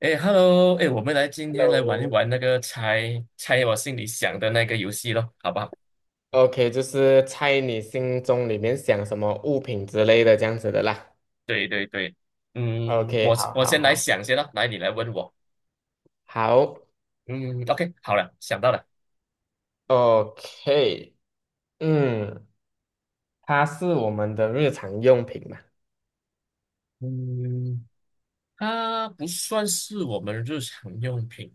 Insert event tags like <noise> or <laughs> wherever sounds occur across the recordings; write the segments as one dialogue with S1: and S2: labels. S1: 哎，Hello，哎，我们来今天来玩一
S2: Hello。
S1: 玩那个猜猜我心里想的那个游戏咯，好不好？
S2: OK,就是猜你心中里面想什么物品之类的这样子的啦。
S1: 对对对，嗯，
S2: OK,
S1: 我
S2: 好
S1: 我
S2: 好
S1: 先来
S2: 好
S1: 想先咯，来你来问我，
S2: 好
S1: 嗯，OK，好了，想到了，
S2: ，OK,嗯，它是我们的日常用品嘛？
S1: 嗯，它不算是我们日常用品，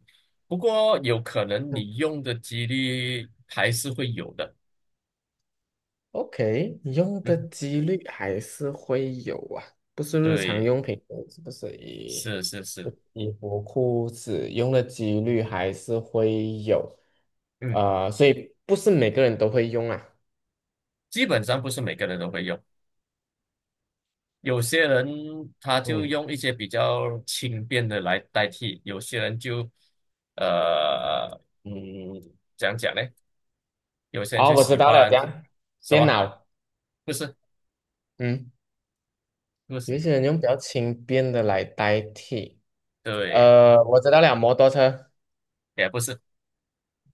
S1: 不过有可能
S2: 嗯，
S1: 你用的几率还是会有的，
S2: ？OK,用的
S1: 嗯，
S2: 几率还是会有啊，不是日常
S1: 对，
S2: 用品哦，是不是衣
S1: 是是是，
S2: 衣服、裤子用的几率还是会有，
S1: 嗯，
S2: 所以不是每个人都会用啊。
S1: 基本上不是每个人都会用。有些人他就
S2: 嗯。
S1: 用一些比较轻便的来代替，有些人就呃嗯怎样讲呢，有些人
S2: 哦，
S1: 就
S2: 我知
S1: 喜
S2: 道了，
S1: 欢
S2: 这样
S1: 什
S2: 电
S1: 么？
S2: 脑，
S1: 不是
S2: 嗯，
S1: 不
S2: 有
S1: 是，
S2: 一些人用比较轻便的来代替。
S1: 对，
S2: 我知道了，摩托车，
S1: 也不是，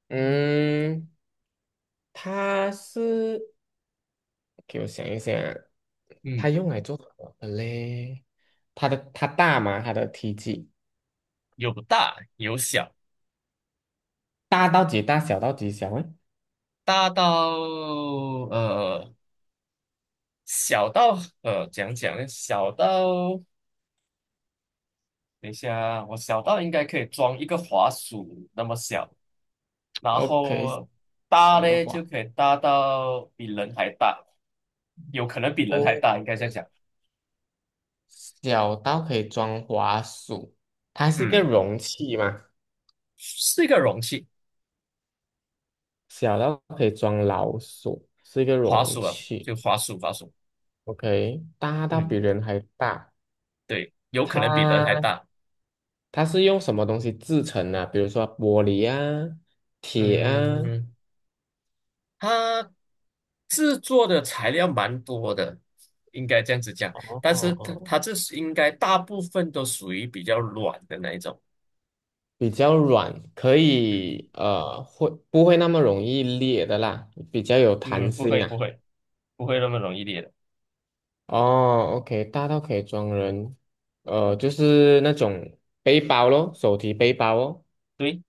S2: 嗯，它是给我想一想啊，
S1: 嗯，
S2: 它用来做什么的嘞？它大吗？它的体积
S1: 有大有小，
S2: 大到几大？小到几小？诶
S1: 大到呃小到怎样讲呢，小到等一下啊，我小到应该可以装一个滑鼠那么小。然
S2: OK
S1: 后大
S2: 转一个
S1: 嘞就
S2: 话
S1: 可以大到比人还大，有可能比人
S2: 哦，
S1: 还大，应该这样讲。
S2: 小到可以装滑鼠，它是一个
S1: 嗯，
S2: 容器嘛？
S1: 是一个容器，
S2: 小到可以装老鼠，是一个
S1: 滑
S2: 容
S1: 鼠啊，
S2: 器。
S1: 就滑鼠，滑鼠。
S2: OK,大到比
S1: 嗯，
S2: 人还大，
S1: 对，有可能比人还
S2: 它
S1: 大。
S2: 它是用什么东西制成的？比如说玻璃啊、铁啊，
S1: 嗯，它制作的材料蛮多的，应该这样子讲。但是它
S2: 哦，
S1: 它这是应该大部分都属于比较软的那一种。
S2: 比较软，可
S1: 嗯
S2: 以会不会那么容易裂的啦？比较有弹
S1: 嗯，不
S2: 性
S1: 会不
S2: 啊。
S1: 会不会那么容易裂的。
S2: 哦，OK,大到可以装人，就是那种背包咯，手提背包哦，
S1: 对，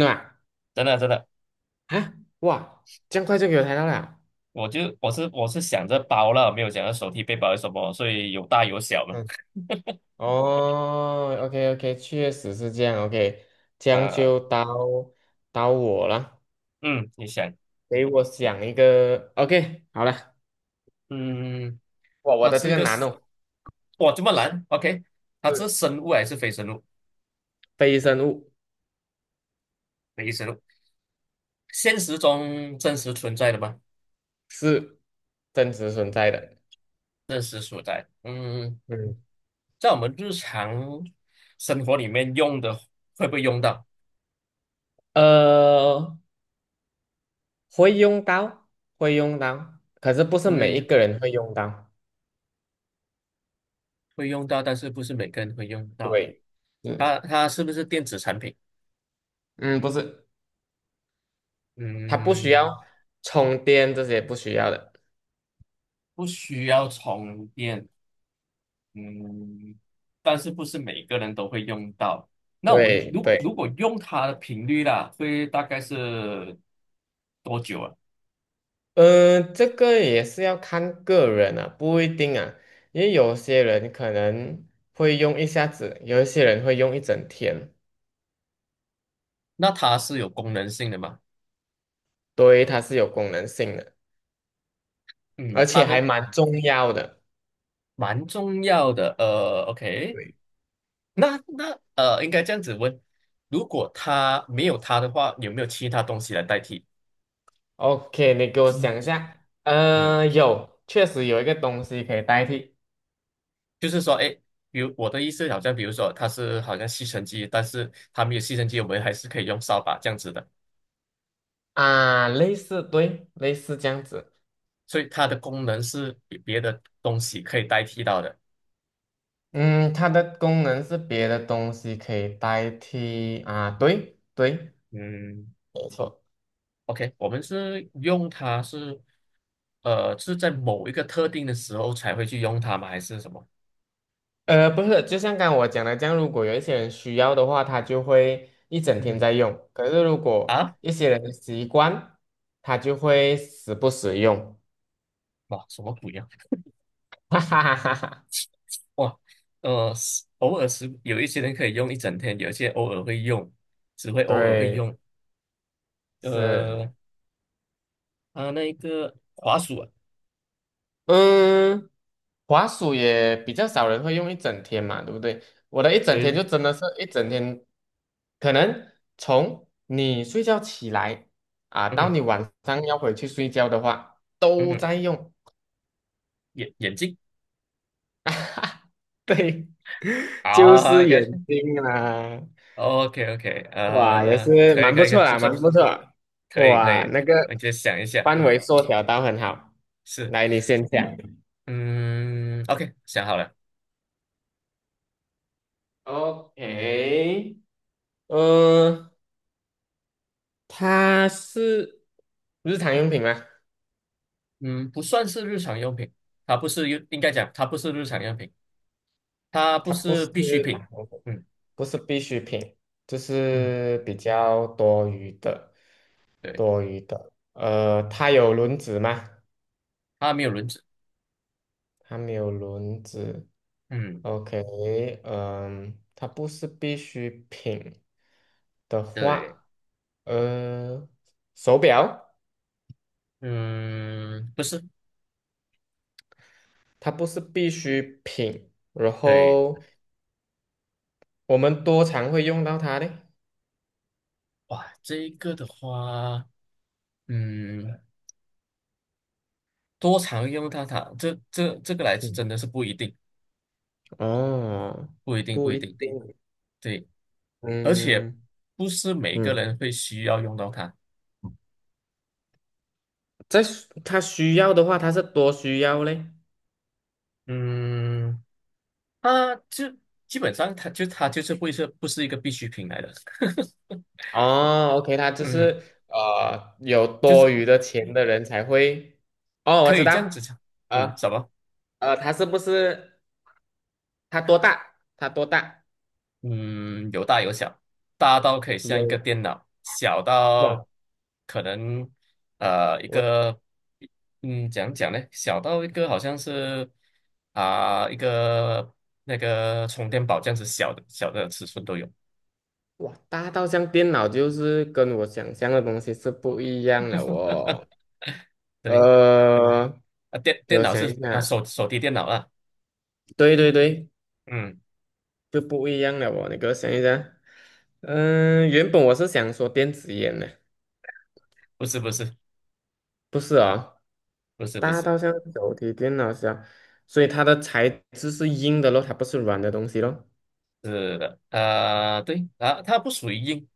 S2: 真的吗？
S1: 真的真的。
S2: 啊，哇，这样快就给我抬到了。
S1: 我是想着包了，没有想着手提背包是什么，所以有大有小嘛。
S2: 嗯。哦，OK OK,确实是这样，OK,这样
S1: 呃，
S2: 就到到我了，
S1: 嗯，你想，
S2: 给我想一个，OK,好了，
S1: 嗯，
S2: 我
S1: 它
S2: 的
S1: 是
S2: 这
S1: 一
S2: 个
S1: 个，
S2: 难哦，
S1: 哇，这么难？OK，它是
S2: 是
S1: 生物还是非生物？
S2: 非生物，
S1: 非生物，现实中真实存在的吗？
S2: 是真实存在的，
S1: 真实所在，嗯，
S2: 嗯，
S1: 在我们日常生活里面用的会不会用到？
S2: 呃，会用到，会用到，可是不是每一
S1: 会
S2: 个人会用到，
S1: 会用到，但是不是每个人会用到？
S2: 对，嗯
S1: 它是不是电子产品？
S2: 嗯，不是，它不需
S1: 嗯，
S2: 要充电，这些不需要的，
S1: 不需要充电。嗯，但是不是每个人都会用到？那我们
S2: 对
S1: 如果
S2: 对。
S1: 如果用它的频率啦，会大概是多久啊？
S2: 嗯，这个也是要看个人啊，不一定啊，因为有些人可能会用一下子，有一些人会用一整天，
S1: 那它是有功能性的嘛？
S2: 对，它是有功能性的，
S1: 嗯，
S2: 而且
S1: 它
S2: 还
S1: 的
S2: 蛮重要的。
S1: 蛮重要的。呃，OK，
S2: 对，
S1: 那，应该这样子问：如果它没有它的话，有没有其他东西来代替？
S2: OK,你给我想一下，
S1: 嗯，
S2: 呃，有，确实有一个东西可以代替
S1: 就是说，哎，比如我的意思，好像比如说它是好像吸尘机，但是它没有吸尘机，我们还是可以用扫把这样子的。
S2: 啊，类似，对，类似这样子，
S1: 所以它的功能是比别的东西可以代替到的。
S2: 嗯，它的功能是别的东西可以代替啊，对对，
S1: 嗯
S2: 没错。
S1: ，OK，我们是用它是是在某一个特定的时候才会去用它吗？还是什么？
S2: 不是，就像刚刚我讲的这样，如果有一些人需要的话，他就会一整
S1: 嗯
S2: 天
S1: 哼，
S2: 在用；可是如果
S1: 啊，
S2: 一些人的习惯，他就会时不时用。
S1: 哇，什么鬼呀、
S2: <laughs> 哈哈哈哈哈，
S1: 哇，呃，是偶尔是有一些人可以用一整天，有一些偶尔会用，只会偶尔会
S2: 对，
S1: 用。
S2: 是，
S1: 呃，啊，那一个滑鼠啊，
S2: 嗯，滑鼠也比较少人会用一整天嘛，对不对？我的一整天就
S1: 对，
S2: 真的是一整天，可能从你睡觉起来啊，
S1: 嗯
S2: 到
S1: 哼，
S2: 你晚上要回去睡觉的话，
S1: 嗯
S2: 都
S1: 哼，
S2: 在用。
S1: 眼镜
S2: <laughs> 啊哈，对，<laughs> 就
S1: 啊
S2: 是眼睛啦，
S1: ，OK，OK，OK，
S2: 哇，也
S1: 呃，
S2: 是
S1: 可以，
S2: 蛮
S1: 可
S2: 不
S1: 以，可以，
S2: 错
S1: 不
S2: 啦，
S1: 错。
S2: 蛮不错，
S1: 可以可
S2: 哇，
S1: 以，
S2: 那个
S1: 我就想一下，
S2: 范围缩小到很好。
S1: 是，
S2: 来，你先讲。
S1: 嗯，OK，想好了，
S2: OK,呃，它是日常用品吗？
S1: 嗯，不算是日常用品，它不是用，应该讲它不是日常用品，它不
S2: 它不
S1: 是
S2: 是
S1: 必需
S2: 日
S1: 品，
S2: 常用品，
S1: 嗯
S2: 不是必需品，就
S1: 嗯，
S2: 是比较多余的，
S1: 对，
S2: 多余的。呃，它有轮子吗？
S1: 它没有轮子，
S2: 它没有轮子。
S1: 嗯，
S2: OK,嗯，它不是必需品的
S1: 对，
S2: 话，呃，手表
S1: 嗯，不是，
S2: 它不是必需品，然
S1: 对，
S2: 后我们多常会用到它呢？
S1: 哇，这一个的话，嗯，多常用它，它这个来
S2: 嗯，
S1: 真的是不一定，
S2: 哦，
S1: 不一定，不
S2: 不
S1: 一
S2: 一
S1: 定，
S2: 定，
S1: 对，而且
S2: 嗯
S1: 不是每个
S2: 嗯，
S1: 人会需要用到它，
S2: 在需它需要的话，它是多需要嘞。
S1: 嗯。啊，就基本上它就是会是不是一个必需品来的，
S2: 哦，OK,它
S1: <laughs>
S2: 就
S1: 嗯，
S2: 是有
S1: 就
S2: 多
S1: 是
S2: 余的钱的人才会，哦，我
S1: 可
S2: 知
S1: 以这样
S2: 道，
S1: 子讲，嗯，
S2: 呃
S1: 什么？
S2: 它是不是？它多大？它多大？
S1: 嗯，有大有小，大到可以像一个
S2: 有
S1: 电脑，小到
S2: 哇，
S1: 可能一
S2: 我
S1: 个，嗯，讲讲呢？小到一个好像是啊、一个那个充电宝这样子小的小的尺寸都有，
S2: 哇，大到像电脑，就是跟我想象的东西是不一样了哦。
S1: 对，
S2: 呃，
S1: 啊电
S2: 给
S1: 电
S2: 我
S1: 脑
S2: 想一
S1: 是啊
S2: 下，
S1: 手提电脑啊，
S2: 对对对，
S1: 嗯，
S2: 就不一样了哦。你给我想一下，嗯、原本我是想说电子烟的，
S1: 不是不是
S2: 不是哦，
S1: 不是不
S2: 大
S1: 是。
S2: 到像手提电脑箱，所以它的材质是硬的咯，它不是软的东西咯，
S1: 是的，啊，对啊，它不属于硬，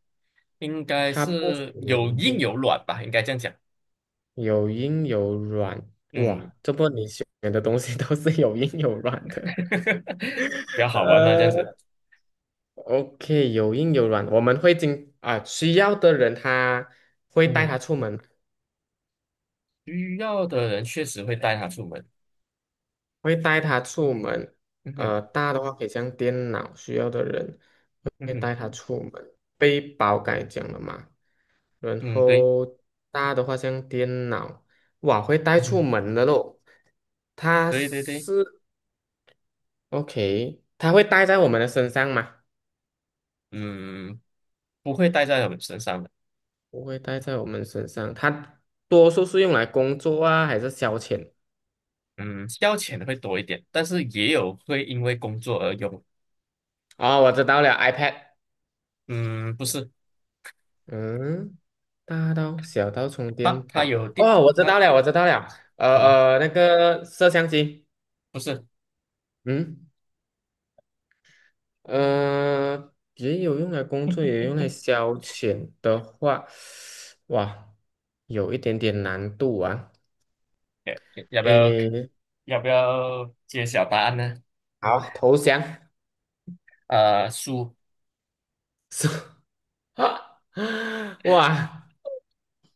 S1: 应该
S2: 它不属
S1: 是
S2: 于
S1: 有硬
S2: 硬
S1: 有软吧，应该这样讲。
S2: 有硬有软，
S1: 嗯，
S2: 哇，这波你选的东西 <laughs> 都是有硬有软的。
S1: <laughs> 比较好玩嘛，这样
S2: 呃
S1: 子。
S2: ，OK,有硬有软，我们会经啊，需要的人他会
S1: 嗯
S2: 带
S1: 哼，
S2: 他出门，
S1: 需要的人确实会带它出门。
S2: 会带他出门。
S1: 嗯哼，
S2: 呃，大的话可以像电脑，需要的人
S1: 嗯
S2: 会带他
S1: 哼，
S2: 出门。背包刚才讲了嘛，然
S1: 嗯，对，
S2: 后大的话像电脑，哇，会带
S1: 嗯
S2: 出
S1: 哼，
S2: 门的咯。它
S1: 对对对，
S2: 是 OK,它会带在我们的身上吗？
S1: 嗯，不会带在我们身上的。
S2: 不会带在我们身上，它多数是用来工作啊，还是消遣？
S1: 嗯，消遣的会多一点，但是也有会因为工作而用。
S2: 哦，我知道了，iPad。
S1: 嗯，不是，
S2: 嗯，大到小到充
S1: 它
S2: 电
S1: 它
S2: 宝。
S1: 有电，
S2: 哦，我知
S1: 它
S2: 道了，我知道了。
S1: 什么？
S2: 那个摄像机。
S1: 不是，
S2: 嗯，也有用来工作，也有用来消遣的话，哇，有一点点难度啊。
S1: 要要不要
S2: 诶，
S1: 要不要揭晓答案呢？
S2: 好，投降。<laughs>
S1: 呃，书。
S2: 是 <laughs> 哇，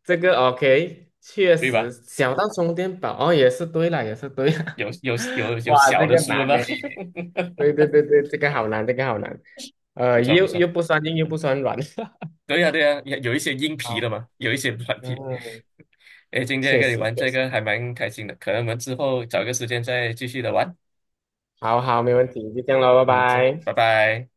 S2: 这个 OK,确
S1: 对
S2: 实
S1: 吧？
S2: 小到充电宝哦，也是对了，也是对了，
S1: 有有有
S2: <laughs>
S1: 有
S2: 哇，
S1: 小
S2: 这
S1: 的
S2: 个
S1: 书了
S2: 难
S1: 吗？
S2: 呢。
S1: <laughs>
S2: 对对对对，这个好难，这个好难。
S1: 不错不
S2: 又
S1: 错，
S2: 又不算硬，又不算软。<laughs>
S1: 对呀、有有一些硬皮的
S2: 好，
S1: 嘛，有一些软皮。
S2: 嗯，
S1: 哎，
S2: <laughs>
S1: 今天
S2: 确
S1: 跟你
S2: 实
S1: 玩
S2: 确
S1: 这个
S2: 实。
S1: 还蛮开心的，可能我们之后找个时间再继续的玩。
S2: 好好，没问题，就这样喽，拜
S1: 嗯，这，
S2: 拜。
S1: 拜拜。